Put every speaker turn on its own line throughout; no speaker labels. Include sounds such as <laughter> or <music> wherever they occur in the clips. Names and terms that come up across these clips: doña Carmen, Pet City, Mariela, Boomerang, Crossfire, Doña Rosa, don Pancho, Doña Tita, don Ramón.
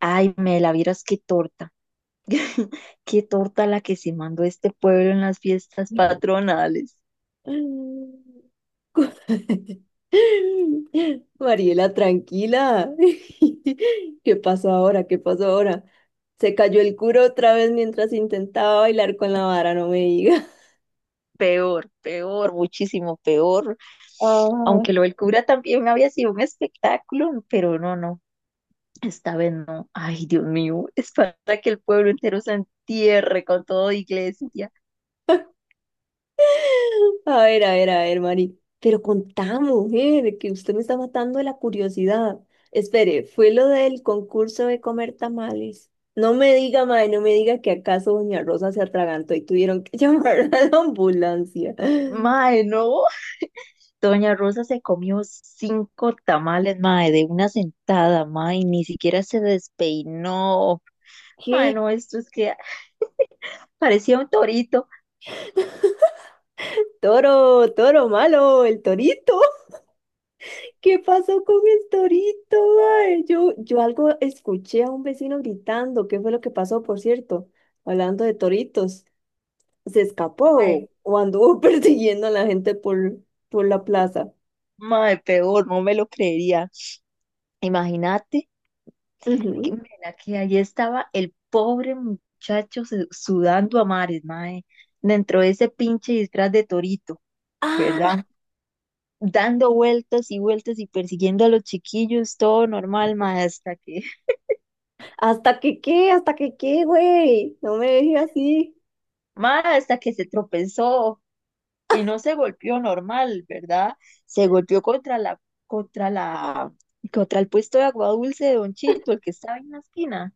Ay, Mela, vieras qué torta. <laughs> Qué torta la que se mandó este pueblo en las fiestas patronales.
<laughs> Mariela, tranquila. <laughs> ¿Qué pasó ahora? ¿Qué pasó ahora? Se cayó el curo otra vez mientras intentaba bailar con la vara, no me diga. <laughs>
Peor, peor, muchísimo peor.
Ah.
Aunque lo del cura también había sido un espectáculo, pero no, no, esta vez no. Ay, Dios mío, es para que el pueblo entero se entierre con toda iglesia.
A ver, a ver, a ver, Mari. Pero contá, mujer, que usted me está matando de la curiosidad. Espere, fue lo del concurso de comer tamales. No me diga, mae, no me diga que acaso Doña Rosa se atragantó y tuvieron que <laughs> llamar a la ambulancia.
Mae, no. Doña Rosa se comió cinco tamales, mae, de una sentada, mae, ni siquiera se despeinó. Mae,
¿Qué?
no, esto es que, parecía un torito.
Toro, toro malo, el torito. <laughs> ¿Qué pasó con el torito, mae? Yo algo escuché a un vecino gritando. ¿Qué fue lo que pasó, por cierto? Hablando de toritos, ¿se
Ay,
escapó o anduvo <laughs> persiguiendo a la gente por la plaza?
mae, peor, no me lo creería. Imagínate que,
Ujú.
mira, que ahí estaba el pobre muchacho sudando a mares, mae, dentro de ese pinche disfraz de torito,
Ah,
¿verdad? Dando vueltas y vueltas y persiguiendo a los chiquillos, todo normal, mae, hasta que, <laughs>
hasta que qué, güey. No me dejes así.
mae, hasta que se tropezó y no se golpeó normal, ¿verdad? Se golpeó contra la, contra el puesto de agua dulce de Don Chito, el que estaba en la esquina.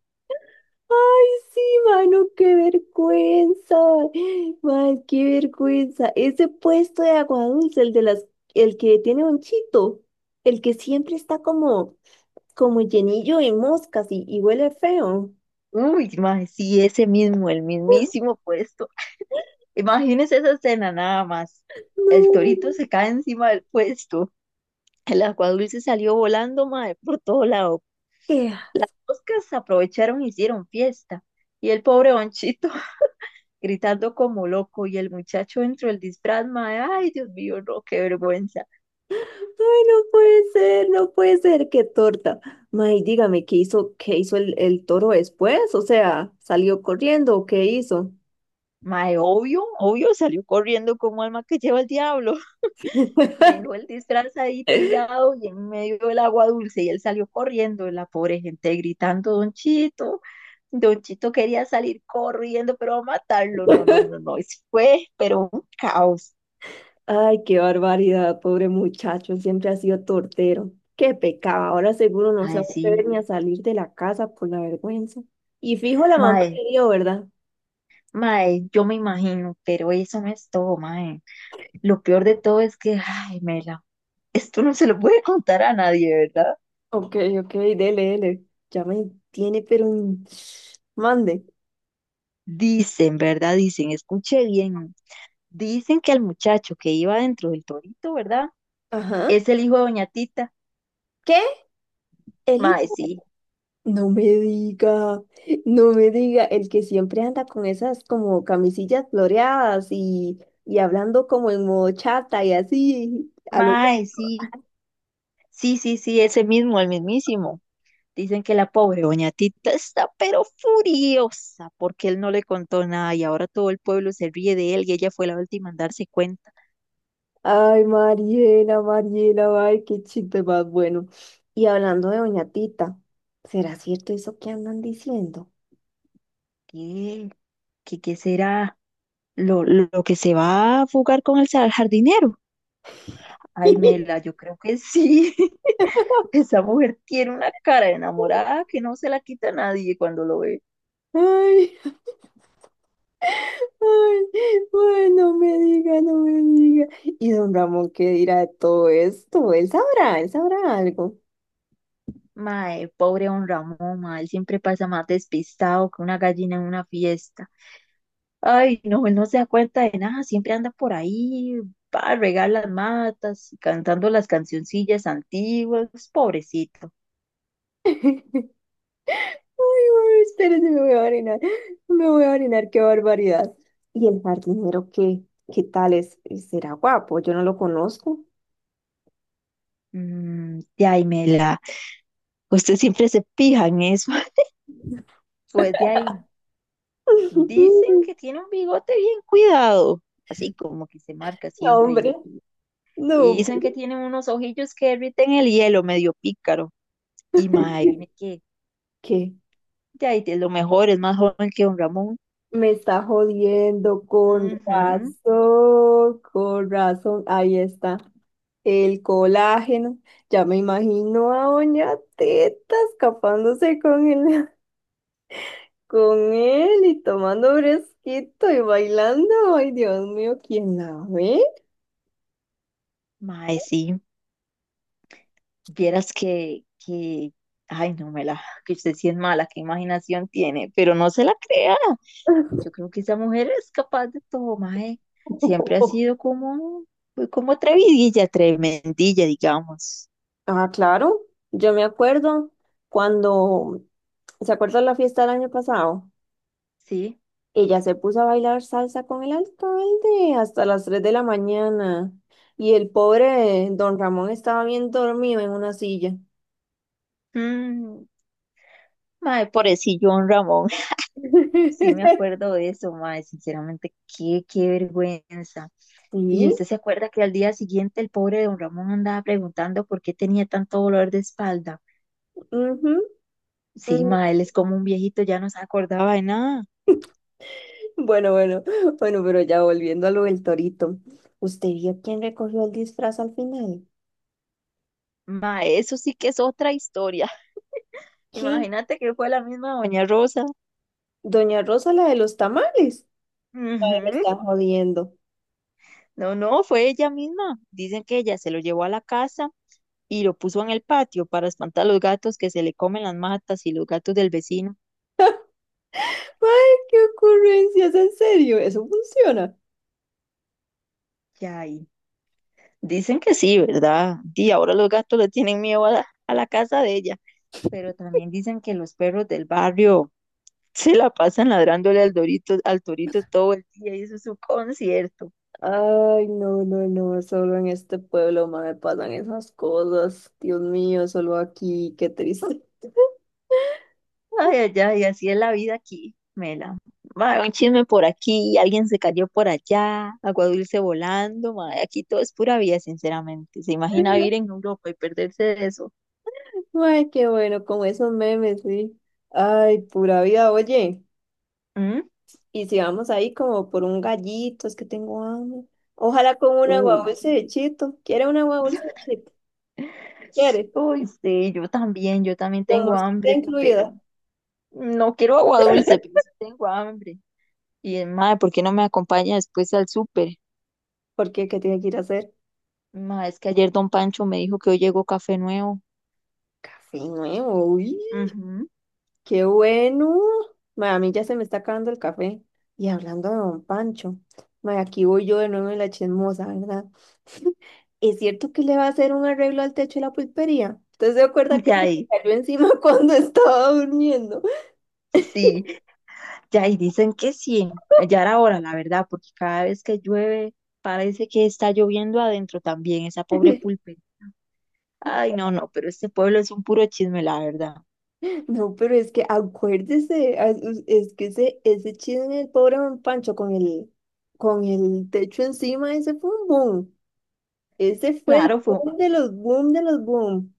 Sí, mano, qué vergüenza. Man, qué vergüenza. Ese puesto de agua dulce, el de las, el que tiene un chito, el que siempre está como, como llenillo de moscas y huele feo.
Uy, mae, sí, ese mismo, el mismísimo puesto. Imagínese esa escena nada más. El
No,
torito se cae encima del puesto. El aguadulce salió volando, mae, por todo lado.
qué.
Las moscas aprovecharon y hicieron fiesta. Y el pobre Bonchito <laughs> gritando como loco. Y el muchacho dentro del disfraz, mae, ay, Dios mío, no, qué vergüenza.
Ay, no puede ser, no puede ser, qué torta. May, dígame, qué hizo el toro después? O sea, ¿salió corriendo o qué hizo?
Mae, obvio, obvio, salió corriendo como alma que lleva el diablo. Dejó el disfraz ahí tirado y en medio del agua dulce y él salió corriendo, la pobre gente gritando, Don Chito, Don Chito quería salir corriendo, pero va a matarlo, no, no, no,
<laughs>
no, eso fue, pero un caos.
Ay, qué barbaridad, pobre muchacho, siempre ha sido tortero. Qué pecado, ahora seguro no se
Mae,
va a atrever
sí,
ni a salir de la casa por la vergüenza. Y fijo la mamá
mae,
que dio, ¿verdad?
mae, yo me imagino, pero eso no es todo, mae. Lo peor de todo es que, ay, Mela, esto no se lo puede contar a nadie, ¿verdad?
Ok, ok, dele, dele. Ya me tiene, pero... en- Mande.
Dicen, ¿verdad? Dicen, escuche bien, dicen que el muchacho que iba dentro del torito, ¿verdad?
Ajá.
Es el hijo de Doña Tita.
¿Qué? Eli.
Mae, sí,
No me diga, no me diga, el que siempre anda con esas como camisillas floreadas y hablando como en modo chata y así, a lo...
mae, sí, sí, sí, sí, ese mismo, el mismísimo. Dicen que la pobre doña Tita está pero furiosa porque él no le contó nada y ahora todo el pueblo se ríe de él y ella fue la última en darse cuenta.
Ay, Mariela, Mariela, ay, qué chiste más bueno. Y hablando de Doña Tita, ¿será cierto eso que andan diciendo?
¿Qué, qué, qué será? ¿Lo que se va a fugar con el jardinero? Ay, Mela,
<laughs>
yo creo que sí. <laughs> Esa mujer tiene una cara de enamorada que no se la quita nadie cuando lo ve.
Ay, ay, ay, no me diga, no me diga. ¿Y don Ramón qué dirá de todo esto? Él sabrá algo.
Mae, pobre don Ramón, mae, él siempre pasa más despistado que una gallina en una fiesta. Ay, no, él no se da cuenta de nada, siempre anda por ahí, va a regar las matas, cantando las cancioncillas antiguas, pobrecito.
Ay, ay, espérense, me voy a orinar, me voy a orinar, qué barbaridad. ¿Y el jardinero qué? ¿Qué tal es? ¿Será guapo? Yo no lo conozco.
De ahí, Mela, usted siempre se pija en eso. <laughs> Pues de ahí, dicen
<laughs>
que tiene un bigote bien cuidado, así como que se marca
No,
siempre,
hombre, no,
y
hombre.
dicen que tiene unos ojillos que derriten el hielo, medio pícaro. Y mae, viene que
¿Qué?
ya, y de lo mejor, es más joven que don Ramón.
Me está jodiendo, con
Ujú.
razón, con razón. Ahí está. El colágeno. Ya me imagino a Doña Teta escapándose con él, <laughs> con él y tomando fresquito y bailando. Ay, Dios mío, ¿quién la ve?
Mae, sí, vieras que, ay, no me la, que usted sí es mala, qué imaginación tiene, pero no se la crea. Yo creo que esa mujer es capaz de todo, mae. Siempre ha
<laughs>
sido como, pues, como atrevidilla, tremendilla, digamos.
Ah, claro. Yo me acuerdo cuando, ¿se acuerda la fiesta del año pasado?
Sí.
Ella se puso a bailar salsa con el alcalde hasta las 3 de la mañana y el pobre don Ramón estaba bien dormido en una silla.
Mm, Mae, pobrecillo don Ramón. Sí me
<laughs>
acuerdo de eso, mae, sinceramente, qué, qué vergüenza. Y
Sí,
usted se acuerda que al día siguiente el pobre don Ramón andaba preguntando por qué tenía tanto dolor de espalda.
ujú,
Sí,
ujú.
mae, él es como un viejito, ya no se acordaba de nada.
Bueno, bueno, <laughs> bueno, pero ya volviendo a lo del torito. ¿Usted vio quién recogió el disfraz al final?
Mae, eso sí que es otra historia. <laughs>
¿Qué?
Imagínate que fue la misma doña Rosa.
Doña Rosa, la de los tamales. Ay, me
Ujú.
está jodiendo.
No, no, fue ella misma. Dicen que ella se lo llevó a la casa y lo puso en el patio para espantar a los gatos que se le comen las matas y los gatos del vecino.
Ay, qué ocurrencias, en serio, ¿eso funciona?
Ya, dicen que sí, ¿verdad? Y ahora los gatos le tienen miedo a la casa de ella, pero también dicen que los perros del barrio se la pasan ladrándole al dorito, al torito todo el día y eso es su concierto.
Ay, no, no, no, solo en este pueblo me pasan esas cosas. Dios mío, solo aquí, qué triste.
Ay, ay, ay, así es la vida aquí, Mela. Mae, un chisme por aquí, alguien se cayó por allá, agua dulce volando, mae, aquí todo es pura vida, sinceramente. ¿Se imagina vivir
<laughs>
en Europa y perderse de eso?
Ay, qué bueno, con esos memes, sí. Ay, pura vida, oye.
¿Mm?
Y si vamos ahí como por un gallito, es que tengo hambre. Ojalá con una
Uy,
guagulce de chito. ¿Quiere una guagulce de chito? ¿Quiere?
uy, sí, yo también
Con
tengo
mosquita
hambre,
incluida.
pero no quiero agua dulce, pero sí tengo hambre. Y madre, ¿por qué no me acompaña después al súper?
Porque, ¿qué? ¿Qué tiene que ir a hacer?
Madre, es que ayer don Pancho me dijo que hoy llegó café nuevo.
Café nuevo, uy.
Ujú.
Qué bueno. Ma, a mí ya se me está acabando el café. Y hablando de don Pancho, ma, aquí voy yo de nuevo en la chismosa, ¿verdad? ¿Es cierto que le va a hacer un arreglo al techo de la pulpería? ¿Usted se acuerda
<laughs>
que se
Ya
le
ahí,
cayó encima <laughs> cuando estaba durmiendo?
sí, ya, y dicen que sí. Ya era hora, la verdad, porque cada vez que llueve parece que está lloviendo adentro también, esa pobre pulpe. Ay, no, no, pero este pueblo es un puro chisme, la verdad.
No, pero es que acuérdese, as- us- es que ese chisme del pobre don Pancho con el techo encima, ese fue un boom. Ese fue el
Claro, fue,
boom de los boom de los boom.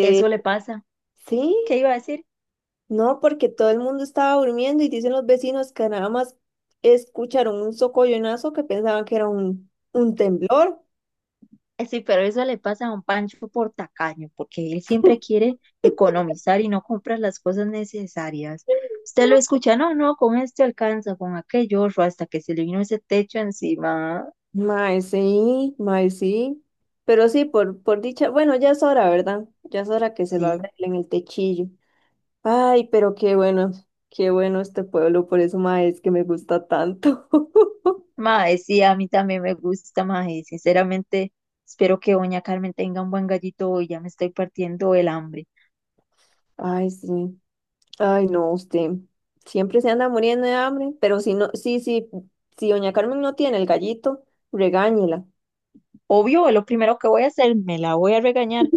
eso le pasa.
sí.
¿Qué iba a decir?
No, porque todo el mundo estaba durmiendo y dicen los vecinos que nada más escucharon un socollonazo que pensaban que era un temblor.
Sí, pero eso le pasa a un Pancho por tacaño, porque él siempre quiere economizar y no compra las cosas necesarias. Usted lo escucha, no, no, con este alcanza, con aquello, otro", hasta que se le vino ese techo encima.
Mae, sí, mae, sí. Pero sí, por dicha, bueno, ya es hora, ¿verdad? Ya es hora que se lo
Sí,
arreglen el techillo. Ay, pero qué bueno este pueblo, por eso, mae, es que me gusta tanto. <laughs>
mae, sí, a mí también me gusta, mae. Sinceramente, espero que doña Carmen tenga un buen gallito hoy, ya me estoy partiendo el hambre.
Ay, sí. Ay, no, usted siempre se anda muriendo de hambre, pero si no, sí, sí, si doña Carmen no tiene el gallito, regáñela.
Obvio, lo primero que voy a hacer, me la voy a regañar.